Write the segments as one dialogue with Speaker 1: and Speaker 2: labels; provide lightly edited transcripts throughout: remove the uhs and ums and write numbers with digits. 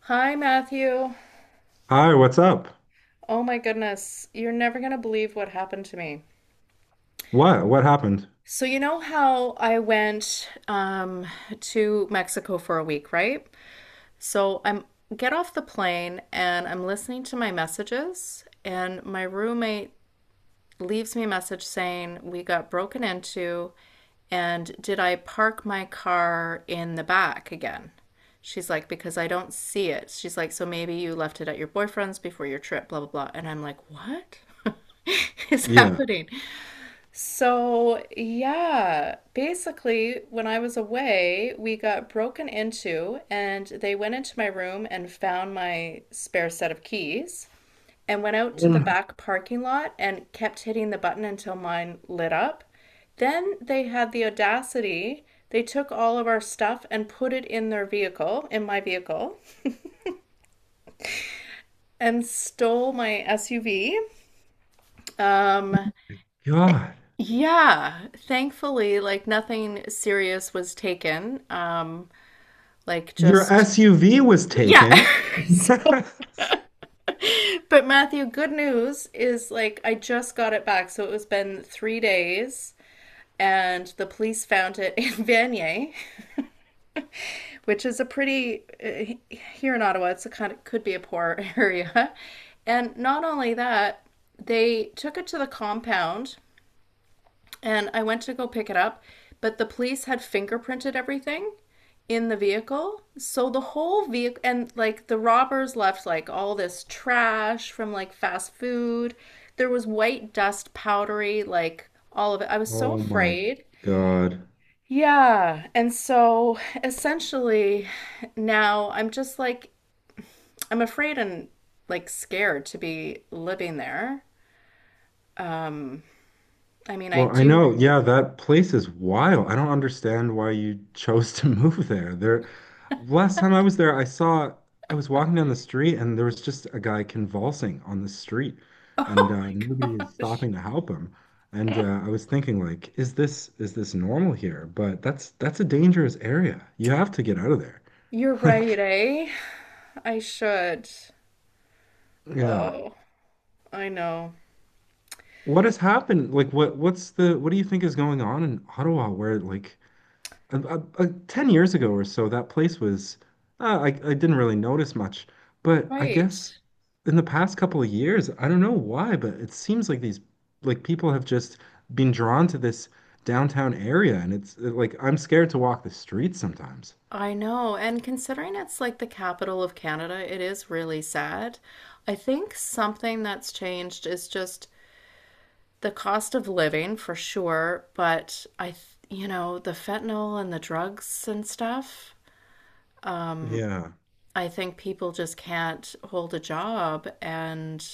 Speaker 1: Hi, Matthew.
Speaker 2: Hi, what's up?
Speaker 1: Oh my goodness. You're never going to believe what happened to me.
Speaker 2: What? What happened?
Speaker 1: So, you know how I went to Mexico for a week, right? So, I'm get off the plane and I'm listening to my messages, and my roommate leaves me a message saying, We got broken into, and did I park my car in the back again? She's like, Because I don't see it. She's like, So maybe you left it at your boyfriend's before your trip, blah, blah, blah. And I'm like, What? is
Speaker 2: Yeah.
Speaker 1: happening. So, yeah, basically, when I was away, we got broken into, and they went into my room and found my spare set of keys and went out
Speaker 2: Oh
Speaker 1: to the
Speaker 2: my
Speaker 1: back parking lot and kept hitting the button until mine lit up. Then they had the audacity. They took all of our stuff and put it in their vehicle, in my vehicle, and stole my SUV. Um,
Speaker 2: God.
Speaker 1: yeah, thankfully, like nothing serious was taken. Like
Speaker 2: Your
Speaker 1: just,
Speaker 2: SUV was
Speaker 1: yeah.
Speaker 2: taken.
Speaker 1: So, but Matthew, good news is like I just got it back. So it was been 3 days and the police found it in Vanier, which is a pretty here in Ottawa. It's a kind of could be a poor area, and not only that, they took it to the compound, and I went to go pick it up, but the police had fingerprinted everything in the vehicle. So the whole vehicle and like the robbers left like all this trash from like fast food. There was white dust, powdery, like all of it. I was so
Speaker 2: Oh my
Speaker 1: afraid.
Speaker 2: God.
Speaker 1: Yeah. And so essentially now I'm just like I'm afraid and like scared to be living there. Um, I mean, I
Speaker 2: Well, I
Speaker 1: do.
Speaker 2: know, yeah, that place is wild. I don't understand why you chose to move there. There, last time I was there, I saw I was walking down the street and there was just a guy convulsing on the street, and
Speaker 1: Oh my
Speaker 2: nobody is
Speaker 1: gosh.
Speaker 2: stopping to help him. And I was thinking, like, is this normal here? But that's a dangerous area. You have to get out of there.
Speaker 1: You're right,
Speaker 2: Like,
Speaker 1: eh? I should.
Speaker 2: yeah,
Speaker 1: Oh, I know.
Speaker 2: what has happened? Like, what what's the what do you think is going on in Ottawa where like 10 years ago or so, that place was, I didn't really notice much. But I
Speaker 1: Right.
Speaker 2: guess in the past couple of years, I don't know why, but it seems like like people have just been drawn to this downtown area. And it's like, I'm scared to walk the streets sometimes.
Speaker 1: I know. And considering it's like the capital of Canada, it is really sad. I think something that's changed is just the cost of living for sure, but I, you know, the fentanyl and the drugs and stuff.
Speaker 2: Yeah.
Speaker 1: I think people just can't hold a job and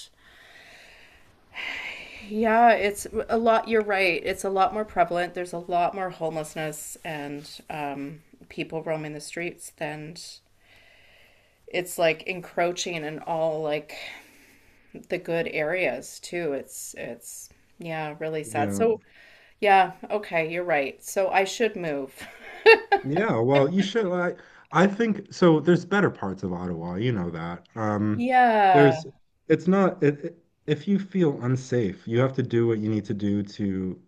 Speaker 1: yeah, it's a lot. You're right. It's a lot more prevalent. There's a lot more homelessness and people roaming the streets than it's like encroaching in all like the good areas too. It's yeah, really sad.
Speaker 2: Yeah.
Speaker 1: So yeah, okay, you're right. So I should move.
Speaker 2: Yeah, well, you should. I think so. There's better parts of Ottawa, you know that.
Speaker 1: Yeah.
Speaker 2: There's, it's not. If you feel unsafe, you have to do what you need to do to,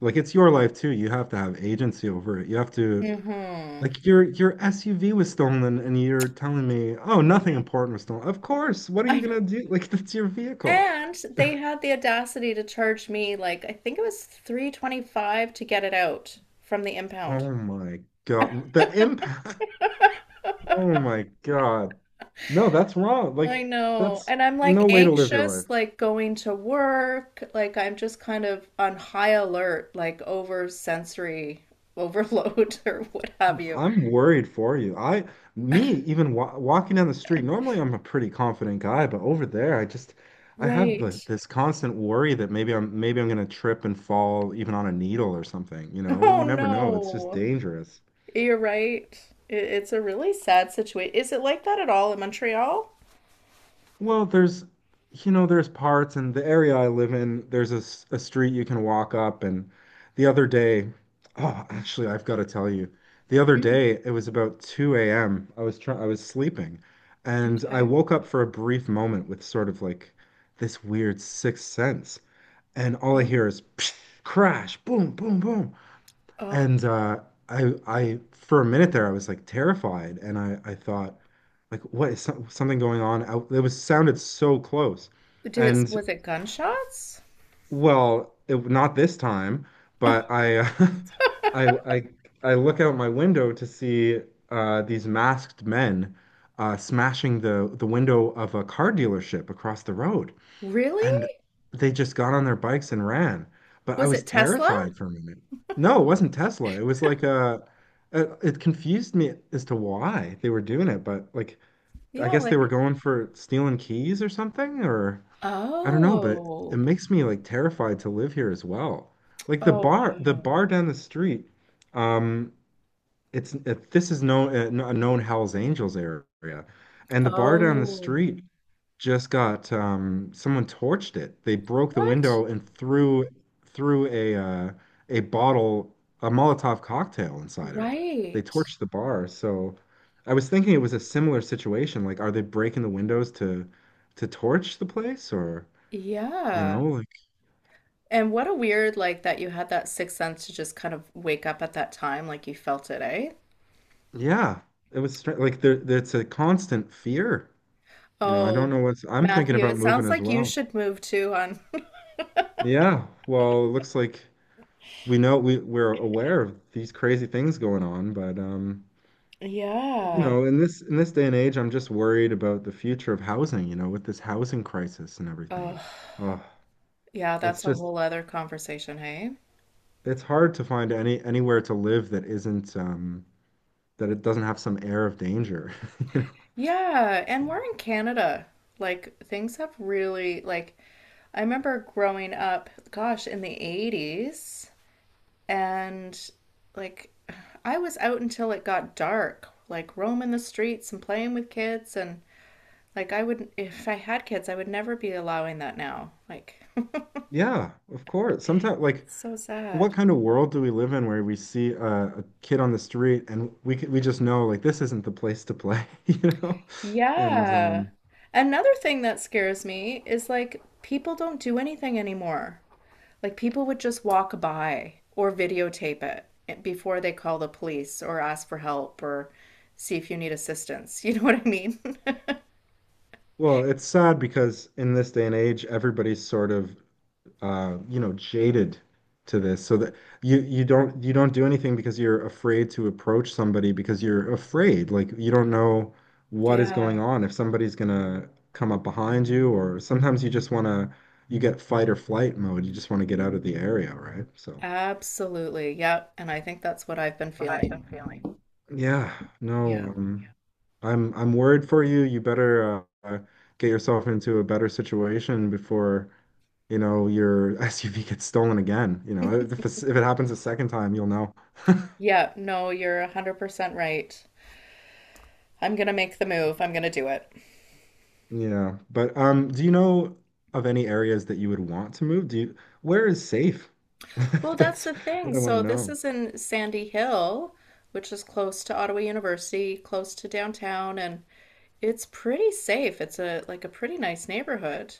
Speaker 2: like, it's your life too. You have to have agency over it. You have to,
Speaker 1: Mm-hmm.
Speaker 2: like, your SUV was stolen, and you're telling me, oh,
Speaker 1: I
Speaker 2: nothing
Speaker 1: know.
Speaker 2: important was stolen. Of course. What are
Speaker 1: I
Speaker 2: you
Speaker 1: know.
Speaker 2: gonna do? Like, that's your vehicle.
Speaker 1: And they had the audacity to charge me like I think it was 325 to get it out from the impound.
Speaker 2: Oh my God, the impact. Oh my God. No, that's wrong. Like,
Speaker 1: I know.
Speaker 2: that's
Speaker 1: And I'm like
Speaker 2: no way to live your
Speaker 1: anxious
Speaker 2: life.
Speaker 1: like going to work, like I'm just kind of on high alert like over sensory overload or what have you.
Speaker 2: I'm worried for you. Me, even wa walking down the street, normally I'm a pretty confident guy, but over there, I just, I have
Speaker 1: Right.
Speaker 2: this constant worry that maybe I'm gonna trip and fall even on a needle or something. You know,
Speaker 1: Oh
Speaker 2: you never know. It's just
Speaker 1: no.
Speaker 2: dangerous.
Speaker 1: You're right. It's a really sad situation. Is it like that at all in Montreal?
Speaker 2: Well, you know, there's parts in the area I live in. There's a street you can walk up. And the other day, oh, actually, I've got to tell you, the other
Speaker 1: Mm,
Speaker 2: day it was about 2 a.m. I was sleeping, and I
Speaker 1: okay.
Speaker 2: woke up for a brief moment with sort of like this weird sixth sense, and all I
Speaker 1: Oh.
Speaker 2: hear is psh, crash, boom, boom, boom,
Speaker 1: Oh,
Speaker 2: and I, for a minute there, I was like terrified, and I thought like what is something going on out it was sounded so close and
Speaker 1: was it gunshots?
Speaker 2: well not this time but I I I look out my window to see these masked men smashing the window of a car dealership across the road and
Speaker 1: Really?
Speaker 2: they just got on their bikes and ran, but I
Speaker 1: Was
Speaker 2: was
Speaker 1: it Tesla?
Speaker 2: terrified for a minute. No, it wasn't Tesla, it was like a it confused me as to why they were doing it, but like I
Speaker 1: Yeah,
Speaker 2: guess they were
Speaker 1: like,
Speaker 2: going for stealing keys or something, or I don't know, but it
Speaker 1: oh,
Speaker 2: makes me like terrified to live here as well. Like
Speaker 1: oh,
Speaker 2: the
Speaker 1: wow.
Speaker 2: bar down the street, um, this is known a known Hell's Angels area, and the bar down the
Speaker 1: Oh,
Speaker 2: street just got someone torched it. They broke the
Speaker 1: what?
Speaker 2: window and threw a bottle a Molotov cocktail inside of it. They
Speaker 1: Right.
Speaker 2: torched the bar. So I was thinking it was a similar situation. Like, are they breaking the windows to torch the place or you
Speaker 1: Yeah.
Speaker 2: know like
Speaker 1: And what a weird, like, that you had that sixth sense to just kind of wake up at that time, like you felt it, eh?
Speaker 2: yeah. It was like there, it's a constant fear. You know, I don't
Speaker 1: Oh,
Speaker 2: know what's, I'm thinking
Speaker 1: Matthew,
Speaker 2: about
Speaker 1: it
Speaker 2: moving
Speaker 1: sounds
Speaker 2: as
Speaker 1: like you
Speaker 2: well.
Speaker 1: should move too on.
Speaker 2: Yeah, well, it looks like we know we're aware of these crazy things going on, but you
Speaker 1: Yeah.
Speaker 2: know, in this day and age, I'm just worried about the future of housing, you know, with this housing crisis and everything.
Speaker 1: Oh,
Speaker 2: Oh,
Speaker 1: yeah,
Speaker 2: it's
Speaker 1: that's a
Speaker 2: just
Speaker 1: whole other conversation, hey?
Speaker 2: it's hard to find anywhere to live that isn't that it doesn't have some air of danger, you know.
Speaker 1: Yeah,
Speaker 2: So,
Speaker 1: and we're in Canada. Like things have really like I remember growing up, gosh, in the 80s and like I was out until it got dark, like roaming the streets and playing with kids and like I would if I had kids, I would never be allowing that now. Like
Speaker 2: yeah, of course. Sometimes like
Speaker 1: so
Speaker 2: what
Speaker 1: sad.
Speaker 2: kind of world do we live in where we see a kid on the street and we we just know like this isn't the place to play, you know? And
Speaker 1: Yeah. Another thing that scares me is like people don't do anything anymore. Like people would just walk by or videotape it eh, before they call the police or ask for help or see if you need assistance. You know what I mean?
Speaker 2: well, it's sad because in this day and age, everybody's sort of you know, jaded to this, so that you don't do anything because you're afraid to approach somebody because you're afraid, like you don't know what is going
Speaker 1: Yeah.
Speaker 2: on if somebody's gonna come up behind you, or sometimes you just wanna you get fight or flight mode, you just want to get out of the area, right? So.
Speaker 1: Absolutely. Yep. And I think that's what I've been feeling.
Speaker 2: Yeah, no,
Speaker 1: Yeah.
Speaker 2: yeah. I'm worried for you. You better get yourself into a better situation before, you know, your SUV gets stolen again. You know, if it happens a second time, you'll know.
Speaker 1: Yeah. No, you're 100% right. I'm going to make the move. I'm going to do it.
Speaker 2: Yeah, but do you know of any areas that you would want to move? Do you, where is safe?
Speaker 1: Well, that's
Speaker 2: That's
Speaker 1: the thing.
Speaker 2: what I want to
Speaker 1: So, this
Speaker 2: know.
Speaker 1: is in Sandy Hill, which is close to Ottawa University, close to downtown, and it's pretty safe. It's a like a pretty nice neighborhood.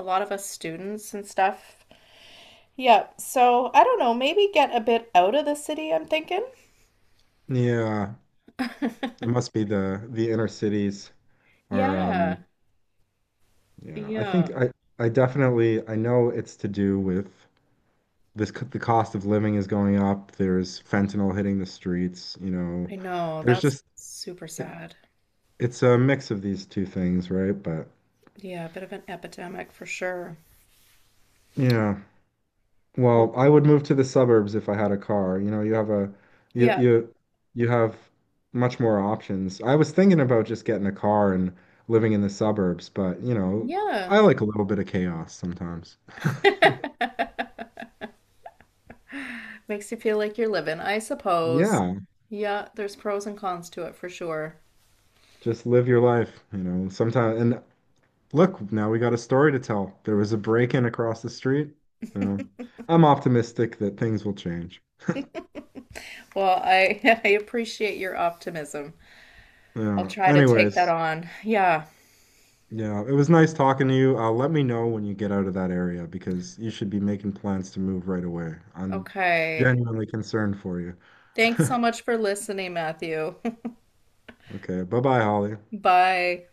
Speaker 1: A lot of us students and stuff. Yeah, so I don't know, maybe get a bit out of the city, I'm thinking.
Speaker 2: Yeah, it must be the inner cities are
Speaker 1: Yeah,
Speaker 2: yeah,
Speaker 1: yeah,
Speaker 2: I definitely I know it's to do with the cost of living is going up. There's fentanyl hitting the streets, you know.
Speaker 1: I know.
Speaker 2: There's
Speaker 1: That's
Speaker 2: just
Speaker 1: super
Speaker 2: it,
Speaker 1: sad.
Speaker 2: it's a mix of these two things, right? But
Speaker 1: Yeah, a bit of an epidemic for sure.
Speaker 2: yeah.
Speaker 1: Well,
Speaker 2: Well, I would move to the suburbs if I had a car. You know, you
Speaker 1: yeah,
Speaker 2: you you have much more options. I was thinking about just getting a car and living in the suburbs, but you know,
Speaker 1: yeah.
Speaker 2: I like a little bit of chaos sometimes.
Speaker 1: Makes you feel like you're living, I suppose.
Speaker 2: Yeah,
Speaker 1: Yeah, there's pros and cons to it for sure.
Speaker 2: just live your life, you know. Sometimes, and look, now we got a story to tell. There was a break-in across the street. Yeah. I'm optimistic that things will change.
Speaker 1: Well, I I appreciate your optimism. I'll
Speaker 2: Yeah.
Speaker 1: try to take that
Speaker 2: Anyways,
Speaker 1: on. Yeah.
Speaker 2: yeah, it was nice talking to you. Let me know when you get out of that area because you should be making plans to move right away. I'm
Speaker 1: Okay.
Speaker 2: genuinely concerned for you.
Speaker 1: Thanks so much for listening, Matthew.
Speaker 2: Okay, bye-bye, Holly.
Speaker 1: Bye.